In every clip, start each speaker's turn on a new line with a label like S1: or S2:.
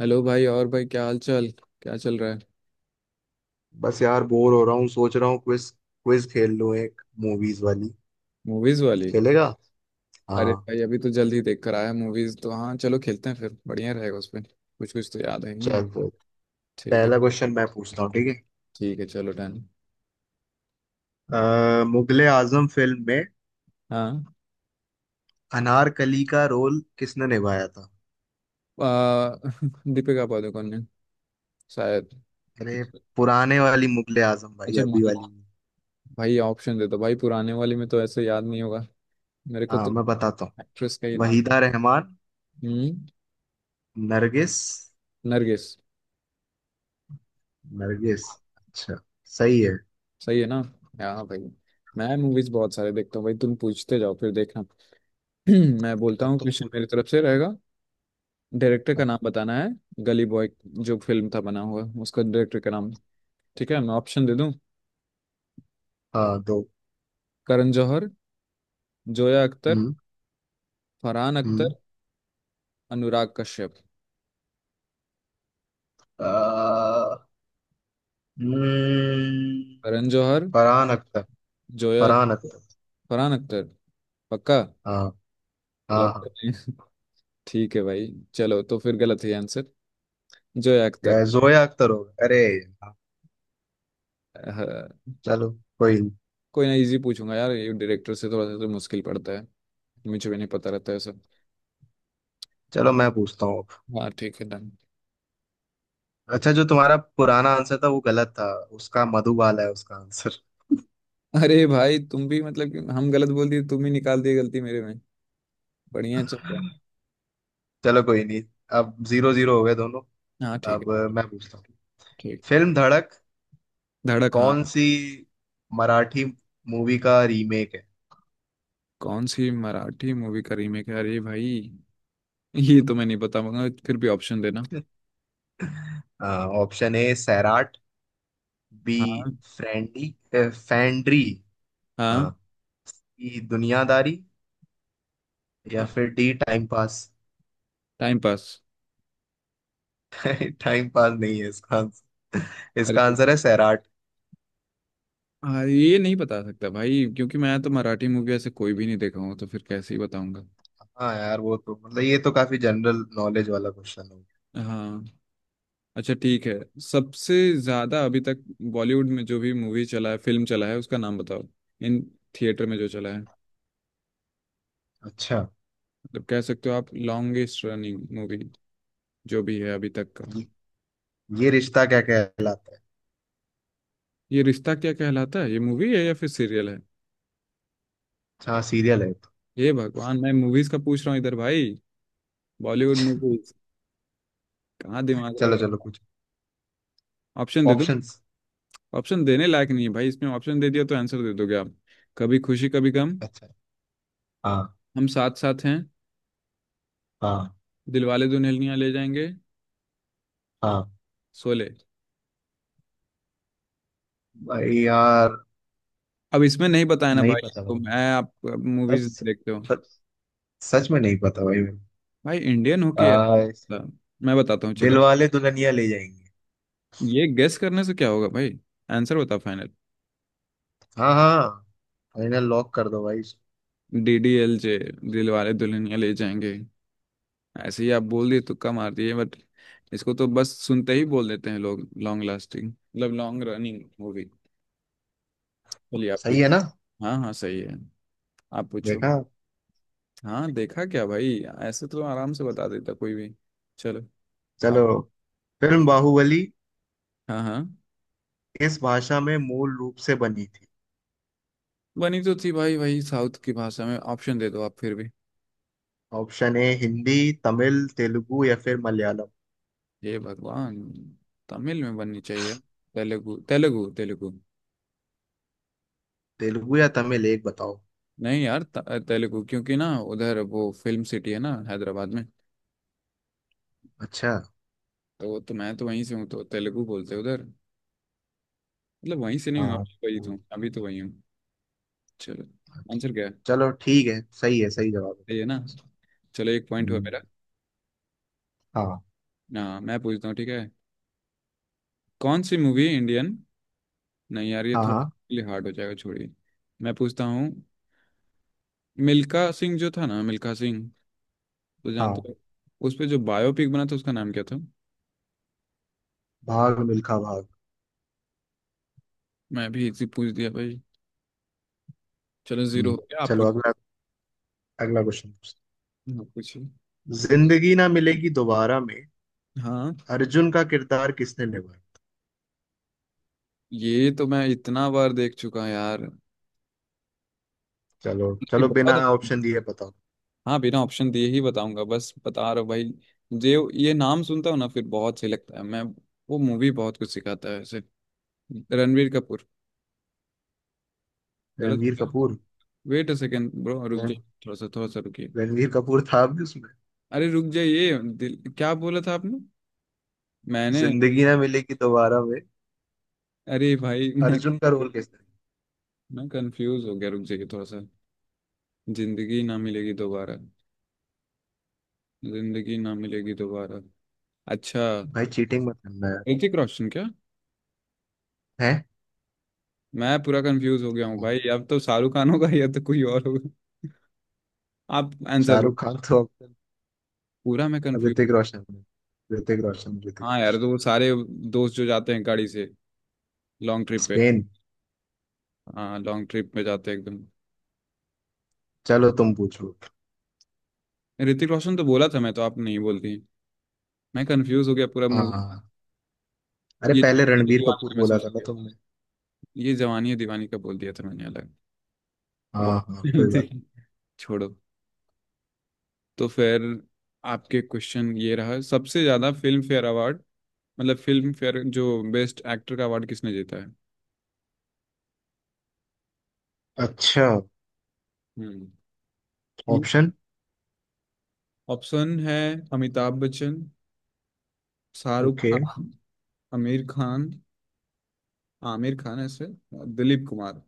S1: Hello भाई। और भाई क्या हाल चाल, क्या चल रहा है।
S2: बस यार बोर हो रहा हूँ। सोच रहा हूँ क्विज, खेल लूँ एक मूवीज वाली।
S1: मूवीज वाली।
S2: खेलेगा? हाँ,
S1: अरे भाई अभी तो जल्द ही देख कर आया मूवीज तो। हाँ चलो खेलते हैं, फिर बढ़िया रहेगा। उसमें कुछ कुछ तो याद है ही नहीं।
S2: चल फिर।
S1: ठीक है।
S2: पहला क्वेश्चन मैं पूछता हूँ, ठीक है।
S1: ठीक है चलो डन।
S2: मुगले आजम फिल्म में
S1: हाँ।
S2: अनारकली का रोल किसने निभाया था?
S1: आ, दीपिका पादुकोण ने, शायद।
S2: अरे, पुराने वाली मुगले आजम भाई,
S1: अच्छा
S2: अभी
S1: मान लो।
S2: वाली नहीं।
S1: भाई ऑप्शन दे दो भाई, पुराने वाले में तो ऐसे याद नहीं होगा मेरे को
S2: हाँ
S1: तो।
S2: मैं बताता हूँ।
S1: एक्ट्रेस का ही नाम।
S2: वहीदा रहमान,
S1: हम्म।
S2: नरगिस,
S1: नरगिस।
S2: नरगिस। अच्छा, सही है।
S1: सही है ना। हाँ भाई मैं मूवीज बहुत सारे देखता हूँ भाई, तुम पूछते जाओ फिर देखना। मैं बोलता
S2: अब
S1: हूँ
S2: तुम
S1: कुछ,
S2: पूछो।
S1: मेरी तरफ से रहेगा। डायरेक्टर का नाम बताना है। गली बॉय जो फिल्म था बना हुआ, उसका डायरेक्टर का नाम। ठीक है मैं ऑप्शन दे दूं।
S2: हाँ दो।
S1: करण जौहर, जोया अख्तर,
S2: हम्म।
S1: फरहान
S2: हम्म।
S1: अख्तर, अनुराग कश्यप।
S2: अ, हम्म,
S1: करण जौहर,
S2: फरहान अख्तर।
S1: जोया
S2: फरहान
S1: अख्तर,
S2: अख्तर।
S1: फरहान अख्तर। पक्का।
S2: हाँ हाँ
S1: लॉक कर
S2: हाँ।
S1: दें? ठीक है भाई। चलो तो फिर गलत है आंसर। जोया अख्तर।
S2: जोया अख्तर हो, अरे यार,
S1: हाँ।
S2: चलो कोई नहीं।
S1: कोई ना, इजी पूछूंगा यार, ये डायरेक्टर से थोड़ा सा तो मुश्किल पड़ता है, मुझे भी नहीं पता रहता है सब।
S2: चलो मैं पूछता हूँ।
S1: हाँ ठीक है डन।
S2: अच्छा, जो तुम्हारा पुराना आंसर था वो गलत था। उसका मधुबाला है उसका आंसर।
S1: अरे भाई तुम भी, मतलब कि हम गलत बोल दिए, तुम ही निकाल दिए गलती मेरे में। बढ़िया चल।
S2: चलो कोई नहीं। अब जीरो जीरो हो गए दोनों।
S1: हाँ ठीक है।
S2: अब मैं पूछता हूँ।
S1: ठीक।
S2: फिल्म धड़क
S1: धड़क हाँ।
S2: कौन सी मराठी मूवी का रीमेक है?
S1: कौन सी मराठी मूवी का रीमेक है, अरे भाई ये तो मैं नहीं बता पाऊंगा, फिर भी ऑप्शन देना।
S2: ऑप्शन ए सैराट, बी
S1: हाँ।
S2: फ्रेंडी फैंड्री,
S1: हाँ।
S2: हाँ, सी दुनियादारी, या
S1: हाँ।
S2: फिर D time pass.
S1: Time pass.
S2: Time pass नहीं है इसका आंसर। इसका
S1: अरे।
S2: आंसर है सैराट।
S1: हाँ ये नहीं बता सकता भाई, क्योंकि मैं तो मराठी मूवी ऐसे कोई भी नहीं देखा हूँ, तो फिर कैसे ही बताऊंगा।
S2: हाँ यार, वो तो मतलब ये तो काफी जनरल नॉलेज वाला क्वेश्चन हो गया।
S1: हाँ। अच्छा ठीक है। सबसे ज्यादा अभी तक बॉलीवुड में जो भी मूवी चला है, फिल्म चला है, उसका नाम बताओ। इन थिएटर में जो चला है,
S2: अच्छा,
S1: मतलब कह सकते हो आप लॉन्गेस्ट रनिंग मूवी जो भी है अभी तक का।
S2: ये, ये रिश्ता क्या कहलाता है।
S1: ये रिश्ता क्या कहलाता है, ये मूवी है या फिर सीरियल है।
S2: अच्छा, हाँ, सीरियल है ये तो।
S1: ये भगवान, मैं मूवीज का पूछ रहा हूँ इधर भाई, बॉलीवुड मूवीज। कहाँ दिमाग रहा
S2: चलो चलो
S1: है?
S2: कुछ
S1: ऑप्शन दे दो।
S2: ऑप्शंस।
S1: ऑप्शन देने लायक नहीं है भाई, इसमें ऑप्शन दे दिया तो आंसर दे दोगे आप। कभी खुशी कभी गम,
S2: अच्छा। हाँ।
S1: हम साथ साथ हैं,
S2: हाँ।
S1: दिलवाले दुल्हनिया ले जाएंगे,
S2: हाँ
S1: शोले।
S2: भाई। यार
S1: अब इसमें नहीं बताया ना
S2: नहीं
S1: भाई,
S2: पता
S1: तो
S2: भाई।
S1: मैं आप
S2: सच।
S1: मूवीज देखते हो,
S2: सच, सच में नहीं पता भाई मेरे।
S1: भाई इंडियन होके।
S2: आ,
S1: मैं बताता हूँ
S2: दिल
S1: चलो।
S2: वाले दुल्हनिया ले जाएंगे।
S1: ये गेस करने से क्या होगा भाई, आंसर बता फाइनल।
S2: हाँ हाँ। फाइनल लॉक कर दो भाई।
S1: D D L J, Dilwale Dulhania Le Jayenge. ऐसे ही आप बोल दिए, तुक्का मार दिए बट, इसको तो बस सुनते ही बोल देते हैं लोग, लॉन्ग लास्टिंग मतलब लॉन्ग रनिंग हो गई। चलिए आप
S2: सही
S1: कुछ।
S2: है ना?
S1: हाँ हाँ सही है। आप पूछो।
S2: देखा।
S1: हाँ देखा क्या भाई, ऐसे तो आराम से बता देता कोई भी। चलो।
S2: चलो।
S1: आप।
S2: फिल्म बाहुबली
S1: हाँ हाँ।
S2: किस भाषा में मूल रूप से बनी थी?
S1: बनी तो थी भाई वही साउथ की भाषा में, ऑप्शन दे दो आप फिर भी।
S2: ऑप्शन ए हिंदी, तमिल, तेलुगु या फिर मलयालम।
S1: हे भगवान। तमिल में बननी चाहिए। तेलुगु, तेलुगु, तेलुगु।
S2: तेलुगु या तमिल, एक बताओ।
S1: नहीं यार, तेलुगु, क्योंकि ना उधर वो फिल्म सिटी है ना हैदराबाद में।
S2: अच्छा।
S1: तो वो तो मैं तो वहीं से हूँ, तो तेलुगु बोलते हैं उधर। मतलब वहीं से नहीं हूँ
S2: हाँ।
S1: अभी, वही
S2: वो-
S1: तो, अभी तो वही हूँ। चलो आंसर क्या है।
S2: चलो ठीक है, सही है, सही जवाब है।
S1: सही है ना। चलो एक पॉइंट हुआ
S2: हम्म,
S1: मेरा।
S2: हाँ
S1: ना मैं पूछता हूँ ठीक है। कौन सी मूवी इंडियन, नहीं यार ये
S2: हाँ
S1: थोड़ा
S2: हाँ
S1: लिए हार्ड हो जाएगा, छोड़िए। मैं पूछता हूँ। मिल्खा सिंह जो था ना, मिल्खा सिंह तो जानते
S2: हाँ।
S1: हो, उस पे जो बायोपिक बना था उसका नाम क्या था।
S2: भाग मिल्खा भाग।
S1: मैं भी इसी पूछ दिया भाई। चलो जीरो
S2: हम्म।
S1: हो गया, आप
S2: चलो
S1: पूछ।
S2: अगला, अगला क्वेश्चन।
S1: आप पूछिए।
S2: जिंदगी ना मिलेगी दोबारा में
S1: हाँ
S2: अर्जुन का किरदार किसने निभाया?
S1: ये तो मैं इतना बार देख चुका यार,
S2: चलो
S1: मतलब कि
S2: चलो, बिना
S1: बहुत।
S2: ऑप्शन दिए बताओ।
S1: हाँ बिना ऑप्शन दिए ही बताऊंगा, बस बता रहा हूँ भाई। जे, ये नाम सुनता हूँ ना, फिर बहुत सही लगता है मैं, वो मूवी बहुत कुछ सिखाता है ऐसे। रणवीर कपूर। गलत हो
S2: रणवीर
S1: गया।
S2: Kapoor.
S1: Wait uh second bro, रुक
S2: रण-
S1: जाइए थोड़ा सा, थोड़ा सा रुकिए।
S2: रणवीर कपूर था भी उसमें।
S1: अरे रुक जाइए, दिल क्या बोला था आपने, मैंने।
S2: जिंदगी ना मिलेगी दोबारा में
S1: अरे भाई मैं
S2: अर्जुन का रोल कैसा है?
S1: मैं कंफ्यूज हो गया, रुक जाइए थोड़ा सा। जिंदगी ना मिलेगी दोबारा, जिंदगी ना मिलेगी दोबारा। अच्छा।
S2: भाई चीटिंग मत करना यार।
S1: ऋतिक रोशन क्या।
S2: है।
S1: मैं पूरा कंफ्यूज हो गया हूँ
S2: हाँ।
S1: भाई, अब तो शाहरुख खान होगा या तो कोई और। आप आंसर दो।
S2: शाहरुख खान तो अब
S1: पूरा मैं
S2: अब
S1: कंफ्यूज।
S2: ऋतिक रोशन है। ऋतिक रोशन ऋतिक
S1: हाँ यार
S2: रोशन
S1: तो वो सारे दोस्त जो जाते हैं गाड़ी से, लॉन्ग ट्रिप पे।
S2: स्पेन।
S1: हाँ लॉन्ग ट्रिप पे जाते हैं एकदम।
S2: चलो तुम पूछो।
S1: ऋतिक रोशन तो बोला था मैं, तो आप नहीं बोलती, मैं कंफ्यूज हो गया पूरा मूवी।
S2: हाँ। अरे
S1: ये
S2: पहले
S1: जवानी है
S2: रणबीर
S1: दीवानी
S2: कपूर
S1: का मैं
S2: बोला
S1: सोच
S2: था ना
S1: गया,
S2: तुमने।
S1: ये जवानी है दीवानी का बोल दिया था मैंने अलग।
S2: हाँ हाँ, कोई बात।
S1: बहुत। छोड़ो। तो फिर आपके क्वेश्चन ये रहा, सबसे ज्यादा फिल्म फेयर अवार्ड, मतलब फिल्म फेयर जो बेस्ट एक्टर का अवार्ड, किसने जीता है।
S2: अच्छा,
S1: हम्म।
S2: ऑप्शन।
S1: ऑप्शन है। अमिताभ बच्चन, शाहरुख
S2: ओके।
S1: खान, आमिर खान, आमिर खान ऐसे, दिलीप कुमार।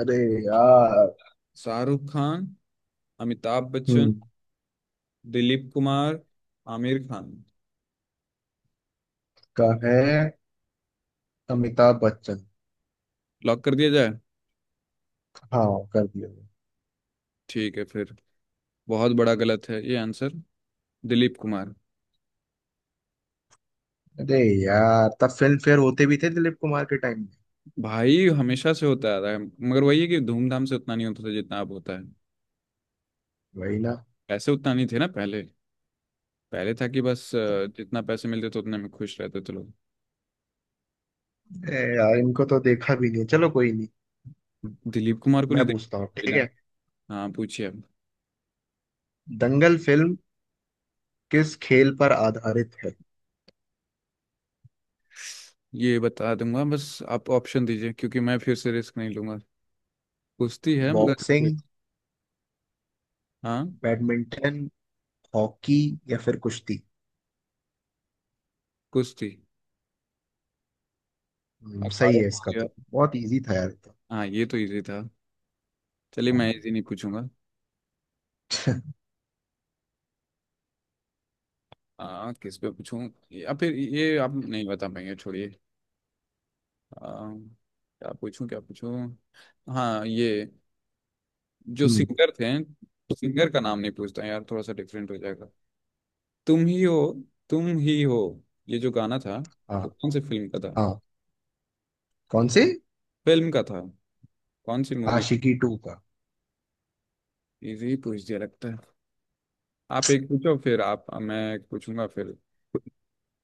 S2: अरे यार।
S1: शाहरुख खान, अमिताभ बच्चन,
S2: हम्म।
S1: दिलीप कुमार, आमिर खान।
S2: का है अमिताभ बच्चन।
S1: लॉक कर दिया जाए।
S2: हाँ, कर दिया मैंने।
S1: ठीक है फिर। बहुत बड़ा गलत है ये आंसर। दिलीप कुमार।
S2: अरे यार, तब फिल्म फेयर होते भी थे दिलीप कुमार के टाइम में?
S1: भाई हमेशा से होता आ रहा है, मगर वही है कि धूमधाम से उतना नहीं होता था जितना अब होता है।
S2: वही ना।
S1: पैसे उतना नहीं थे ना पहले। पहले था कि बस जितना पैसे मिलते थे उतने में खुश रहते थे लोग।
S2: ए यार, इनको तो देखा भी नहीं, चलो कोई नहीं।
S1: दिलीप कुमार को
S2: मैं
S1: नहीं
S2: पूछता हूँ, ठीक
S1: देखना।
S2: है।
S1: हाँ पूछिए अब।
S2: दंगल फिल्म किस खेल पर आधारित है?
S1: ये बता दूंगा, बस आप ऑप्शन दीजिए, क्योंकि मैं फिर से रिस्क नहीं लूंगा। कुश्ती है मगर ओके।
S2: बॉक्सिंग,
S1: हाँ।
S2: बैडमिंटन, हॉकी या फिर कुश्ती।
S1: कुश्ती।
S2: सही
S1: अखाड़े
S2: है,
S1: में हो
S2: इसका
S1: गया।
S2: तो बहुत इजी था यार ये तो।
S1: हाँ ये तो इजी था। चलिए मैं इजी नहीं पूछूंगा। किस पे पूछूं, या फिर ये आप नहीं बता पाएंगे, छोड़िए। आ, क्या पूछूं क्या पूछूं। हाँ ये जो
S2: हम्म।
S1: सिंगर थे, सिंगर का नाम नहीं पूछता यार, थोड़ा सा डिफरेंट हो जाएगा। तुम ही हो, तुम ही हो, ये जो गाना था,
S2: हाँ।
S1: वो कौन से फिल्म का था,
S2: हाँ कौन से।
S1: फिल्म का था, कौन सी मूवी।
S2: आशिकी टू का।
S1: इजी पूछ दिया लगता है। आप एक पूछो फिर आप, मैं एक पूछूंगा फिर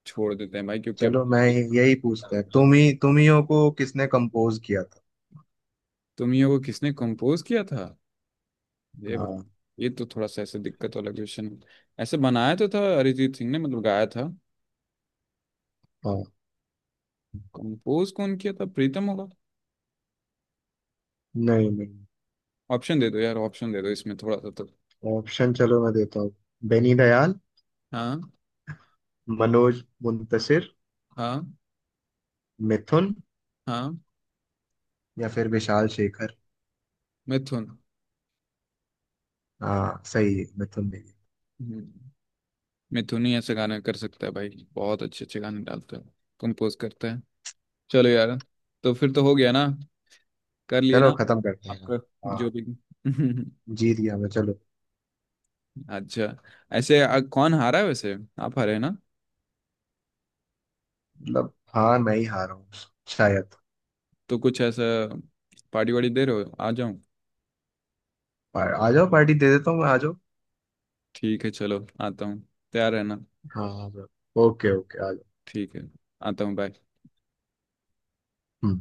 S1: छोड़ देते हैं भाई क्योंकि अब।
S2: चलो मैं यही पूछता है, तुम ही तुम हियों को किसने कंपोज किया था?
S1: तुमियों को किसने कंपोज किया था। ये भाई
S2: हाँ।
S1: ये तो थोड़ा सा ऐसे दिक्कत वाला क्वेश्चन है। ऐसे बनाया तो था अरिजीत सिंह ने, मतलब गाया था।
S2: हाँ।
S1: कंपोज कौन किया था, प्रीतम होगा।
S2: नहीं नहीं।
S1: ऑप्शन दे दो यार, ऑप्शन दे दो, इसमें थोड़ा सा तो।
S2: ऑप्शन चलो मैं देता हूँ। बेनी दयाल,
S1: हाँ।
S2: मनोज मुंतशिर,
S1: हाँ।
S2: मिथुन,
S1: हाँ।
S2: या फिर विशाल शेखर।
S1: मिथुन।
S2: हाँ सही है, मिथुन।
S1: हम्म। मिथुन ही ऐसे गाने कर सकता है भाई, बहुत अच्छे अच्छे गाने डालता है, कंपोज करता है। चलो यार, तो फिर तो हो गया ना, कर लिए
S2: चलो
S1: ना।
S2: खत्म करते हैं।
S1: आपका
S2: हाँ,
S1: जो भी।
S2: जीत गया मैं, चलो।
S1: अच्छा। ऐसे कौन हारा है वैसे, आप हारे हैं ना।
S2: मतलब हाँ, मैं ही हारा हूँ शायद।
S1: तो कुछ ऐसा पार्टी वार्टी दे रहे हो, आ जाऊं।
S2: आ, आ जाओ, पार्टी दे देता हूँ, मैं आ जाओ।
S1: ठीक है चलो आता हूँ, तैयार रहना।
S2: हाँ आ जाओ। ओके ओके, आ जाओ।
S1: ठीक है आता हूँ, बाय।
S2: हम्म।